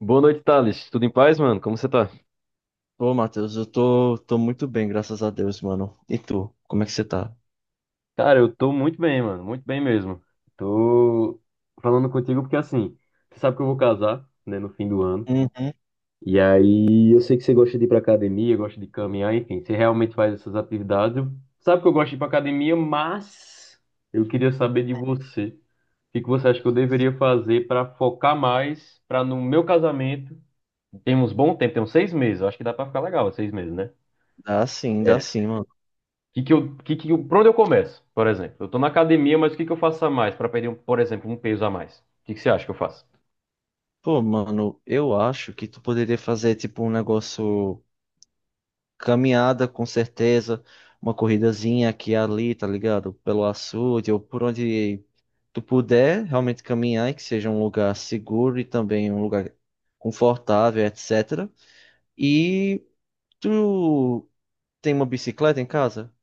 Boa noite, Thales. Tudo em paz, mano? Como você tá? Pô, Matheus, eu tô muito bem, graças a Deus, mano. E tu, como é que você tá? Cara, eu tô muito bem, mano, muito bem mesmo. Tô falando contigo porque assim, você sabe que eu vou casar, né, no fim do ano. Uhum. E aí, eu sei que você gosta de ir pra academia, gosta de caminhar, enfim, você realmente faz essas atividades. Sabe que eu gosto de ir pra academia, mas eu queria saber de você. O que você acha que eu deveria fazer pra focar mais, pra no meu casamento? Temos bom tempo, temos 6 meses, eu acho que dá pra ficar legal, 6 meses, né? Dá É, sim, mano. que por onde eu começo, por exemplo? Eu tô na academia, mas o que eu faço a mais para perder, por exemplo, um peso a mais? O que você acha que eu faço? Pô, mano, eu acho que tu poderia fazer, tipo, um negócio caminhada, com certeza, uma corridazinha aqui e ali, tá ligado? Pelo açude ou por onde tu puder realmente caminhar e que seja um lugar seguro e também um lugar confortável, etc. E tu tem uma bicicleta em casa?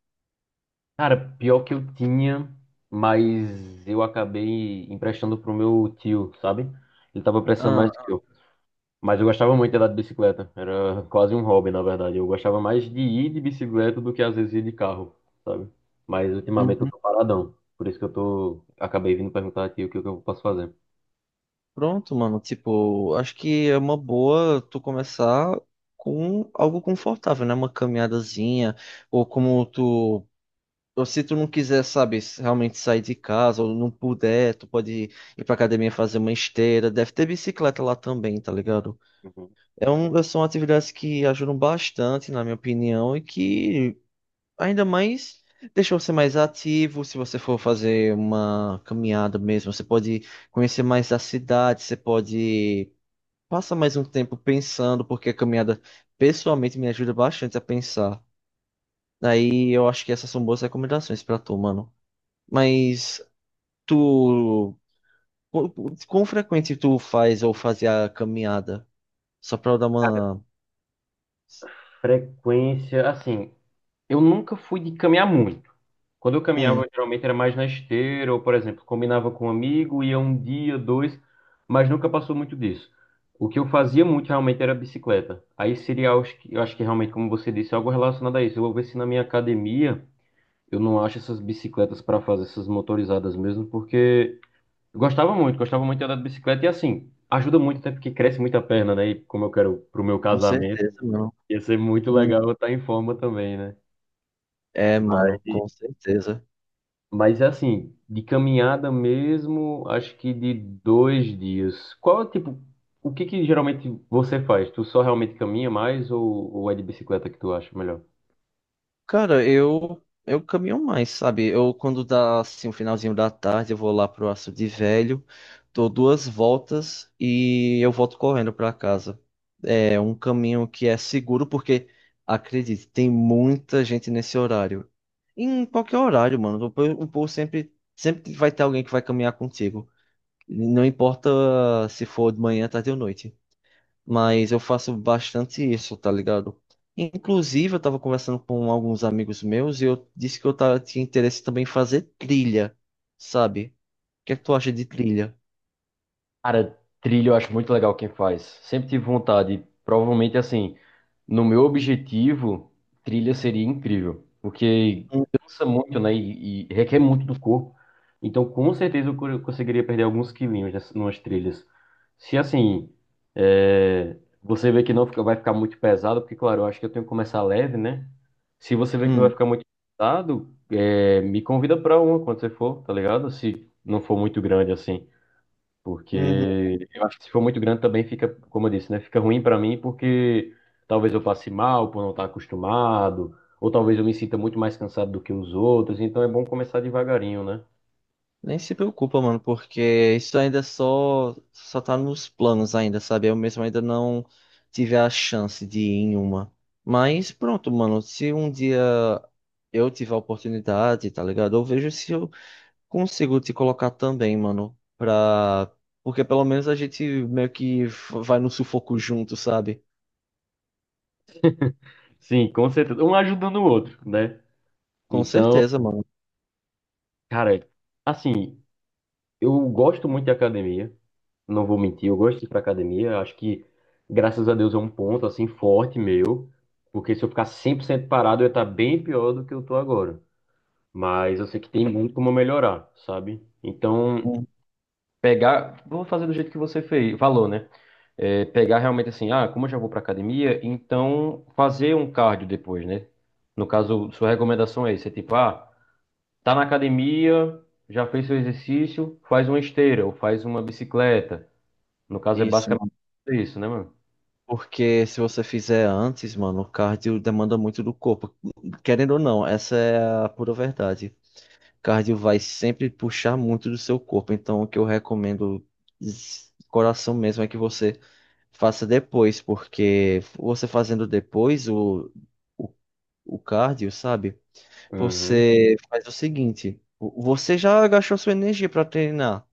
Cara, pior que eu tinha, mas eu acabei emprestando pro meu tio, sabe? Ele tava precisando mais Ah. que eu. Mas eu gostava muito de andar de bicicleta. Era quase um hobby, na verdade. Eu gostava mais de ir de bicicleta do que às vezes ir de carro, sabe? Mas ultimamente eu tô paradão. Por isso que eu tô. Acabei vindo perguntar aqui o que eu posso fazer. Pronto, mano. Tipo, acho que é uma boa tu começar com algo confortável, né? Uma caminhadazinha, ou como tu. Ou se tu não quiser, sabe, realmente sair de casa, ou não puder, tu pode ir pra academia fazer uma esteira. Deve ter bicicleta lá também, tá ligado? Uhum. São atividades que ajudam bastante, na minha opinião, e que ainda mais deixam você mais ativo. Se você for fazer uma caminhada mesmo, você pode conhecer mais a cidade, você pode. Passa mais um tempo pensando, porque a caminhada pessoalmente me ajuda bastante a pensar. Aí eu acho que essas são boas recomendações pra tu, mano. Mas tu, quão quão frequente tu faz ou fazia a caminhada? Só pra eu dar Cara, uma. frequência, assim. Eu nunca fui de caminhar muito. Quando eu Hum. caminhava, geralmente era mais na esteira, ou, por exemplo, combinava com um amigo, ia um dia, dois, mas nunca passou muito disso. O que eu fazia muito realmente era bicicleta. Aí seria, acho que- eu acho que realmente, como você disse, é algo relacionado a isso. Eu vou ver se na minha academia eu não acho essas bicicletas para fazer essas motorizadas mesmo, porque eu gostava muito de andar de bicicleta e assim, ajuda muito até porque cresce muito a perna, né? E como eu quero pro meu Com casamento, certeza, mano. ia ser muito Hum. legal eu estar em forma também, né? É, mano, com certeza. Mas assim, de caminhada mesmo, acho que de dois dias. Qual, é tipo, o que geralmente você faz? Tu só realmente caminha mais ou é de bicicleta que tu acha melhor? Cara, eu caminho mais, sabe? Eu quando dá assim o finalzinho da tarde, eu vou lá pro açude Velho, dou duas voltas e eu volto correndo pra casa. É um caminho que é seguro porque acredite, tem muita gente nesse horário. Em qualquer horário, mano, o povo sempre vai ter alguém que vai caminhar contigo. Não importa se for de manhã, tarde ou noite. Mas eu faço bastante isso, tá ligado? Inclusive, eu tava conversando com alguns amigos meus e eu disse que tinha interesse também em fazer trilha, sabe? O que é que tu acha de trilha? Cara, trilha eu acho muito legal quem faz. Sempre tive vontade. Provavelmente, assim, no meu objetivo, trilha seria incrível. Porque Hum. cansa muito, né? E requer muito do corpo. Então, com certeza, conseguiria perder alguns quilinhos nessas, numas trilhas. Se, assim, é, você vê que não fica- vai ficar muito pesado, porque, claro, eu acho que eu tenho que começar leve, né? Se você vê que não vai Hum. ficar muito pesado, é, me convida pra uma quando você for, tá ligado? Se não for muito grande, assim. Uhum. Porque eu acho que se for muito grande também fica, como eu disse, né? Fica ruim para mim porque talvez eu passe mal por não estar acostumado, ou talvez eu me sinta muito mais cansado do que os outros, então é bom começar devagarinho, né? Nem se preocupa, mano, porque isso ainda é só tá nos planos ainda, sabe? Eu mesmo ainda não tive a chance de ir em uma. Mas pronto, mano, se um dia eu tiver a oportunidade, tá ligado? Eu vejo se eu consigo te colocar também, mano, pra... Porque pelo menos a gente meio que vai no sufoco junto, sabe? Sim, com certeza. Um ajudando o outro, né? Com Então, certeza, mano. cara, assim, eu gosto muito de academia, não vou mentir, eu gosto de ir pra academia, acho que graças a Deus é um ponto assim forte meu, porque se eu ficar 100% parado eu ia estar bem pior do que eu tô agora. Mas eu sei que tem muito como melhorar, sabe? Então, Hum. pegar, vou fazer do jeito que você fez, falou, né? É, pegar realmente assim, ah, como eu já vou para academia, então fazer um cardio depois, né? No caso, sua recomendação é isso, é tipo, ah, tá na academia, já fez seu exercício, faz uma esteira ou faz uma bicicleta. No caso é Isso, basicamente mano. isso, né, mano? Porque se você fizer antes, mano, o cardio demanda muito do corpo. Querendo ou não, essa é a pura verdade. Cardio vai sempre puxar muito do seu corpo. Então, o que eu recomendo, coração mesmo, é que você faça depois, porque você fazendo depois o, o cardio, sabe? Uhum. Você faz o seguinte, você já gastou sua energia pra treinar.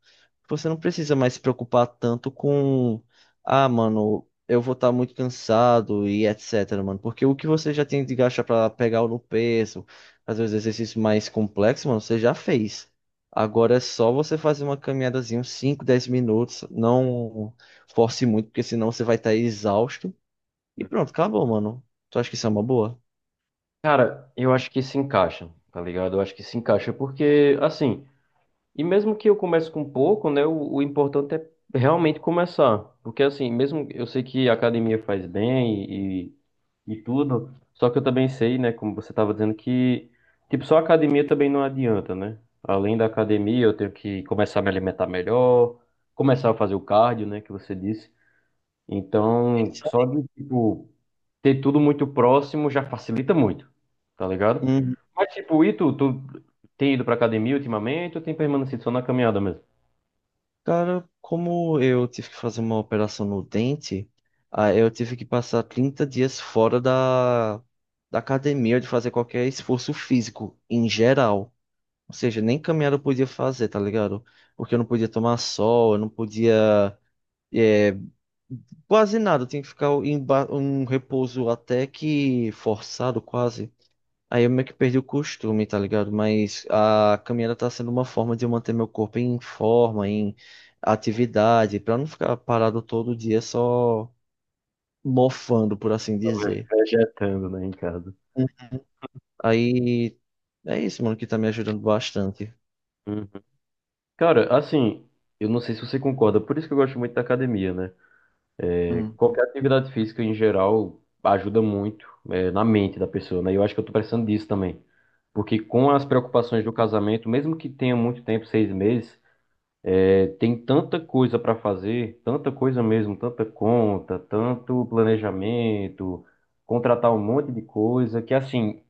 Você não precisa mais se preocupar tanto com, ah, mano, eu vou estar muito cansado e etc, mano, porque o que você já tem de gastar pra pegar no peso, fazer os exercícios mais complexos, mano, você já fez. Agora é só você fazer uma caminhadazinha, uns 5, 10 minutos, não force muito, porque senão você vai estar exausto. E pronto, acabou, mano. Tu acha que isso é uma boa? Cara, eu acho que se encaixa, tá ligado? Eu acho que se encaixa porque, assim, e mesmo que eu comece com pouco, né, o importante é realmente começar. Porque assim, mesmo eu sei que a academia faz bem e, e tudo, só que eu também sei, né, como você estava dizendo, que tipo, só a academia também não adianta, né? Além da academia, eu tenho que começar a me alimentar melhor, começar a fazer o cardio, né, que você disse. Então, Isso. só de tipo, ter tudo muito próximo já facilita muito, tá ligado? Mas, tipo, e tu tem ido pra academia ultimamente ou tem permanecido só na caminhada mesmo? Cara, como eu tive que fazer uma operação no dente, ah, eu tive que passar 30 dias fora da academia de fazer qualquer esforço físico, em geral. Ou seja, nem caminhar eu podia fazer, tá ligado? Porque eu não podia tomar sol, eu não podia, eh, quase nada. Eu tinha que ficar em um repouso até que forçado, quase. Aí eu meio que perdi o costume, tá ligado? Mas a caminhada tá sendo uma forma de eu manter meu corpo em forma, em atividade, pra não ficar parado todo dia só mofando, por assim Tava dizer. Vegetando, né, em casa. Hum. Aí é isso, mano, que tá me ajudando bastante. Uhum. Cara, assim, eu não sei se você concorda, por isso que eu gosto muito da academia, né? Hum. Qualquer atividade física em geral ajuda muito, é, na mente da pessoa, né? E eu acho que eu tô precisando disso também. Porque com as preocupações do casamento, mesmo que tenha muito tempo, 6 meses, é, tem tanta coisa para fazer, tanta coisa mesmo, tanta conta, tanto planejamento, contratar um monte de coisa, que assim,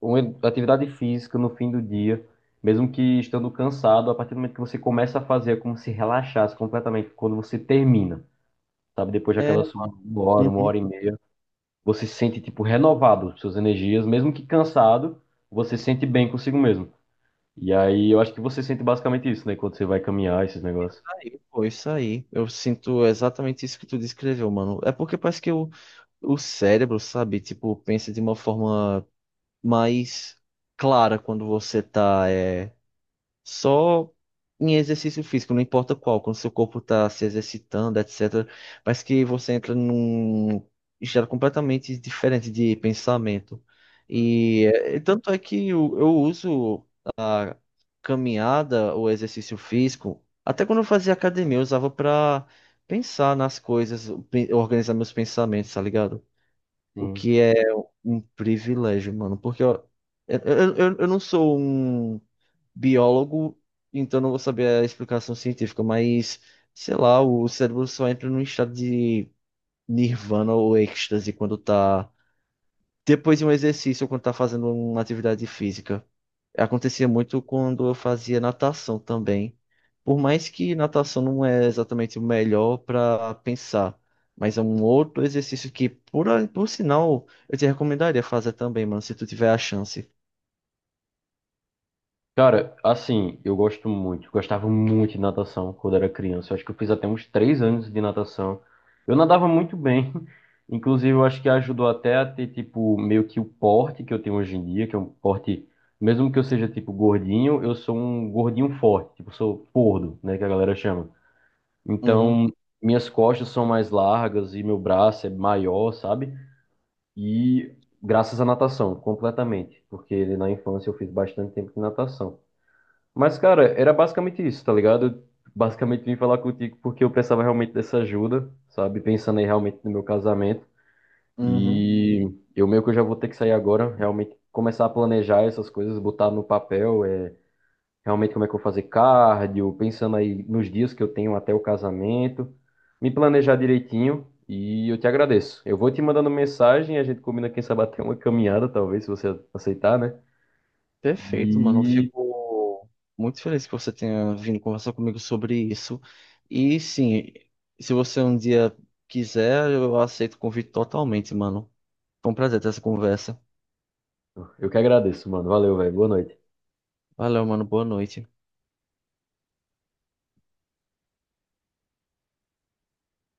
uma atividade física no fim do dia, mesmo que estando cansado, a partir do momento que você começa a fazer, é como se relaxasse completamente quando você termina, sabe? Depois É. Uma hora, uma Uhum. hora e meia, você se sente tipo renovado, suas energias, mesmo que cansado, você se sente bem consigo mesmo. E aí eu acho que você sente basicamente isso, né? Quando você vai caminhar, esses negócios. Aí, pô, isso aí. Eu sinto exatamente isso que tu descreveu, mano. É porque parece que o cérebro, sabe, tipo, pensa de uma forma mais clara quando você tá. É. Só em exercício físico, não importa qual, quando seu corpo está se exercitando, etc. Mas que você entra num estado completamente diferente de pensamento. E é, tanto é que eu uso caminhada ou exercício físico, até quando eu fazia academia, eu usava para pensar nas coisas, organizar meus pensamentos, tá ligado? O Sim. que é um privilégio, mano, porque eu, eu não sou um biólogo, então não vou saber a explicação científica, mas sei lá, o cérebro só entra num estado de nirvana ou êxtase quando tá depois de um exercício ou quando tá fazendo uma atividade física. Acontecia muito quando eu fazia natação também. Por mais que natação não é exatamente o melhor para pensar, mas é um outro exercício que, por sinal, eu te recomendaria fazer também, mano, se tu tiver a chance. Cara, assim, eu gosto muito, gostava muito de natação quando era criança. Eu acho que eu fiz até uns 3 anos de natação. Eu nadava muito bem, inclusive eu acho que ajudou até a ter, tipo, meio que o porte que eu tenho hoje em dia, que é um porte, mesmo que eu seja, tipo, gordinho, eu sou um gordinho forte, tipo, sou gordo, né, que a galera chama. Uhum. Então, minhas costas são mais largas e meu braço é maior, sabe? E graças à natação, completamente, porque na infância eu fiz bastante tempo de natação. Mas, cara, era basicamente isso, tá ligado? Basicamente vim falar contigo porque eu precisava realmente dessa ajuda, sabe? Pensando aí realmente no meu casamento. Uhum. E eu meio que eu já vou ter que sair agora, realmente começar a planejar essas coisas, botar no papel, é, realmente como é que eu vou fazer cardio, pensando aí nos dias que eu tenho até o casamento, me planejar direitinho e eu te agradeço. Eu vou te mandando mensagem, a gente combina quem sabe até uma caminhada, talvez, se você aceitar, né? Perfeito, mano. Eu E fico muito feliz que você tenha vindo conversar comigo sobre isso. E sim, se você um dia quiser, eu aceito o convite totalmente, mano. Foi um prazer ter essa conversa. eu que agradeço, mano. Valeu, velho. Boa noite. Valeu, mano. Boa noite.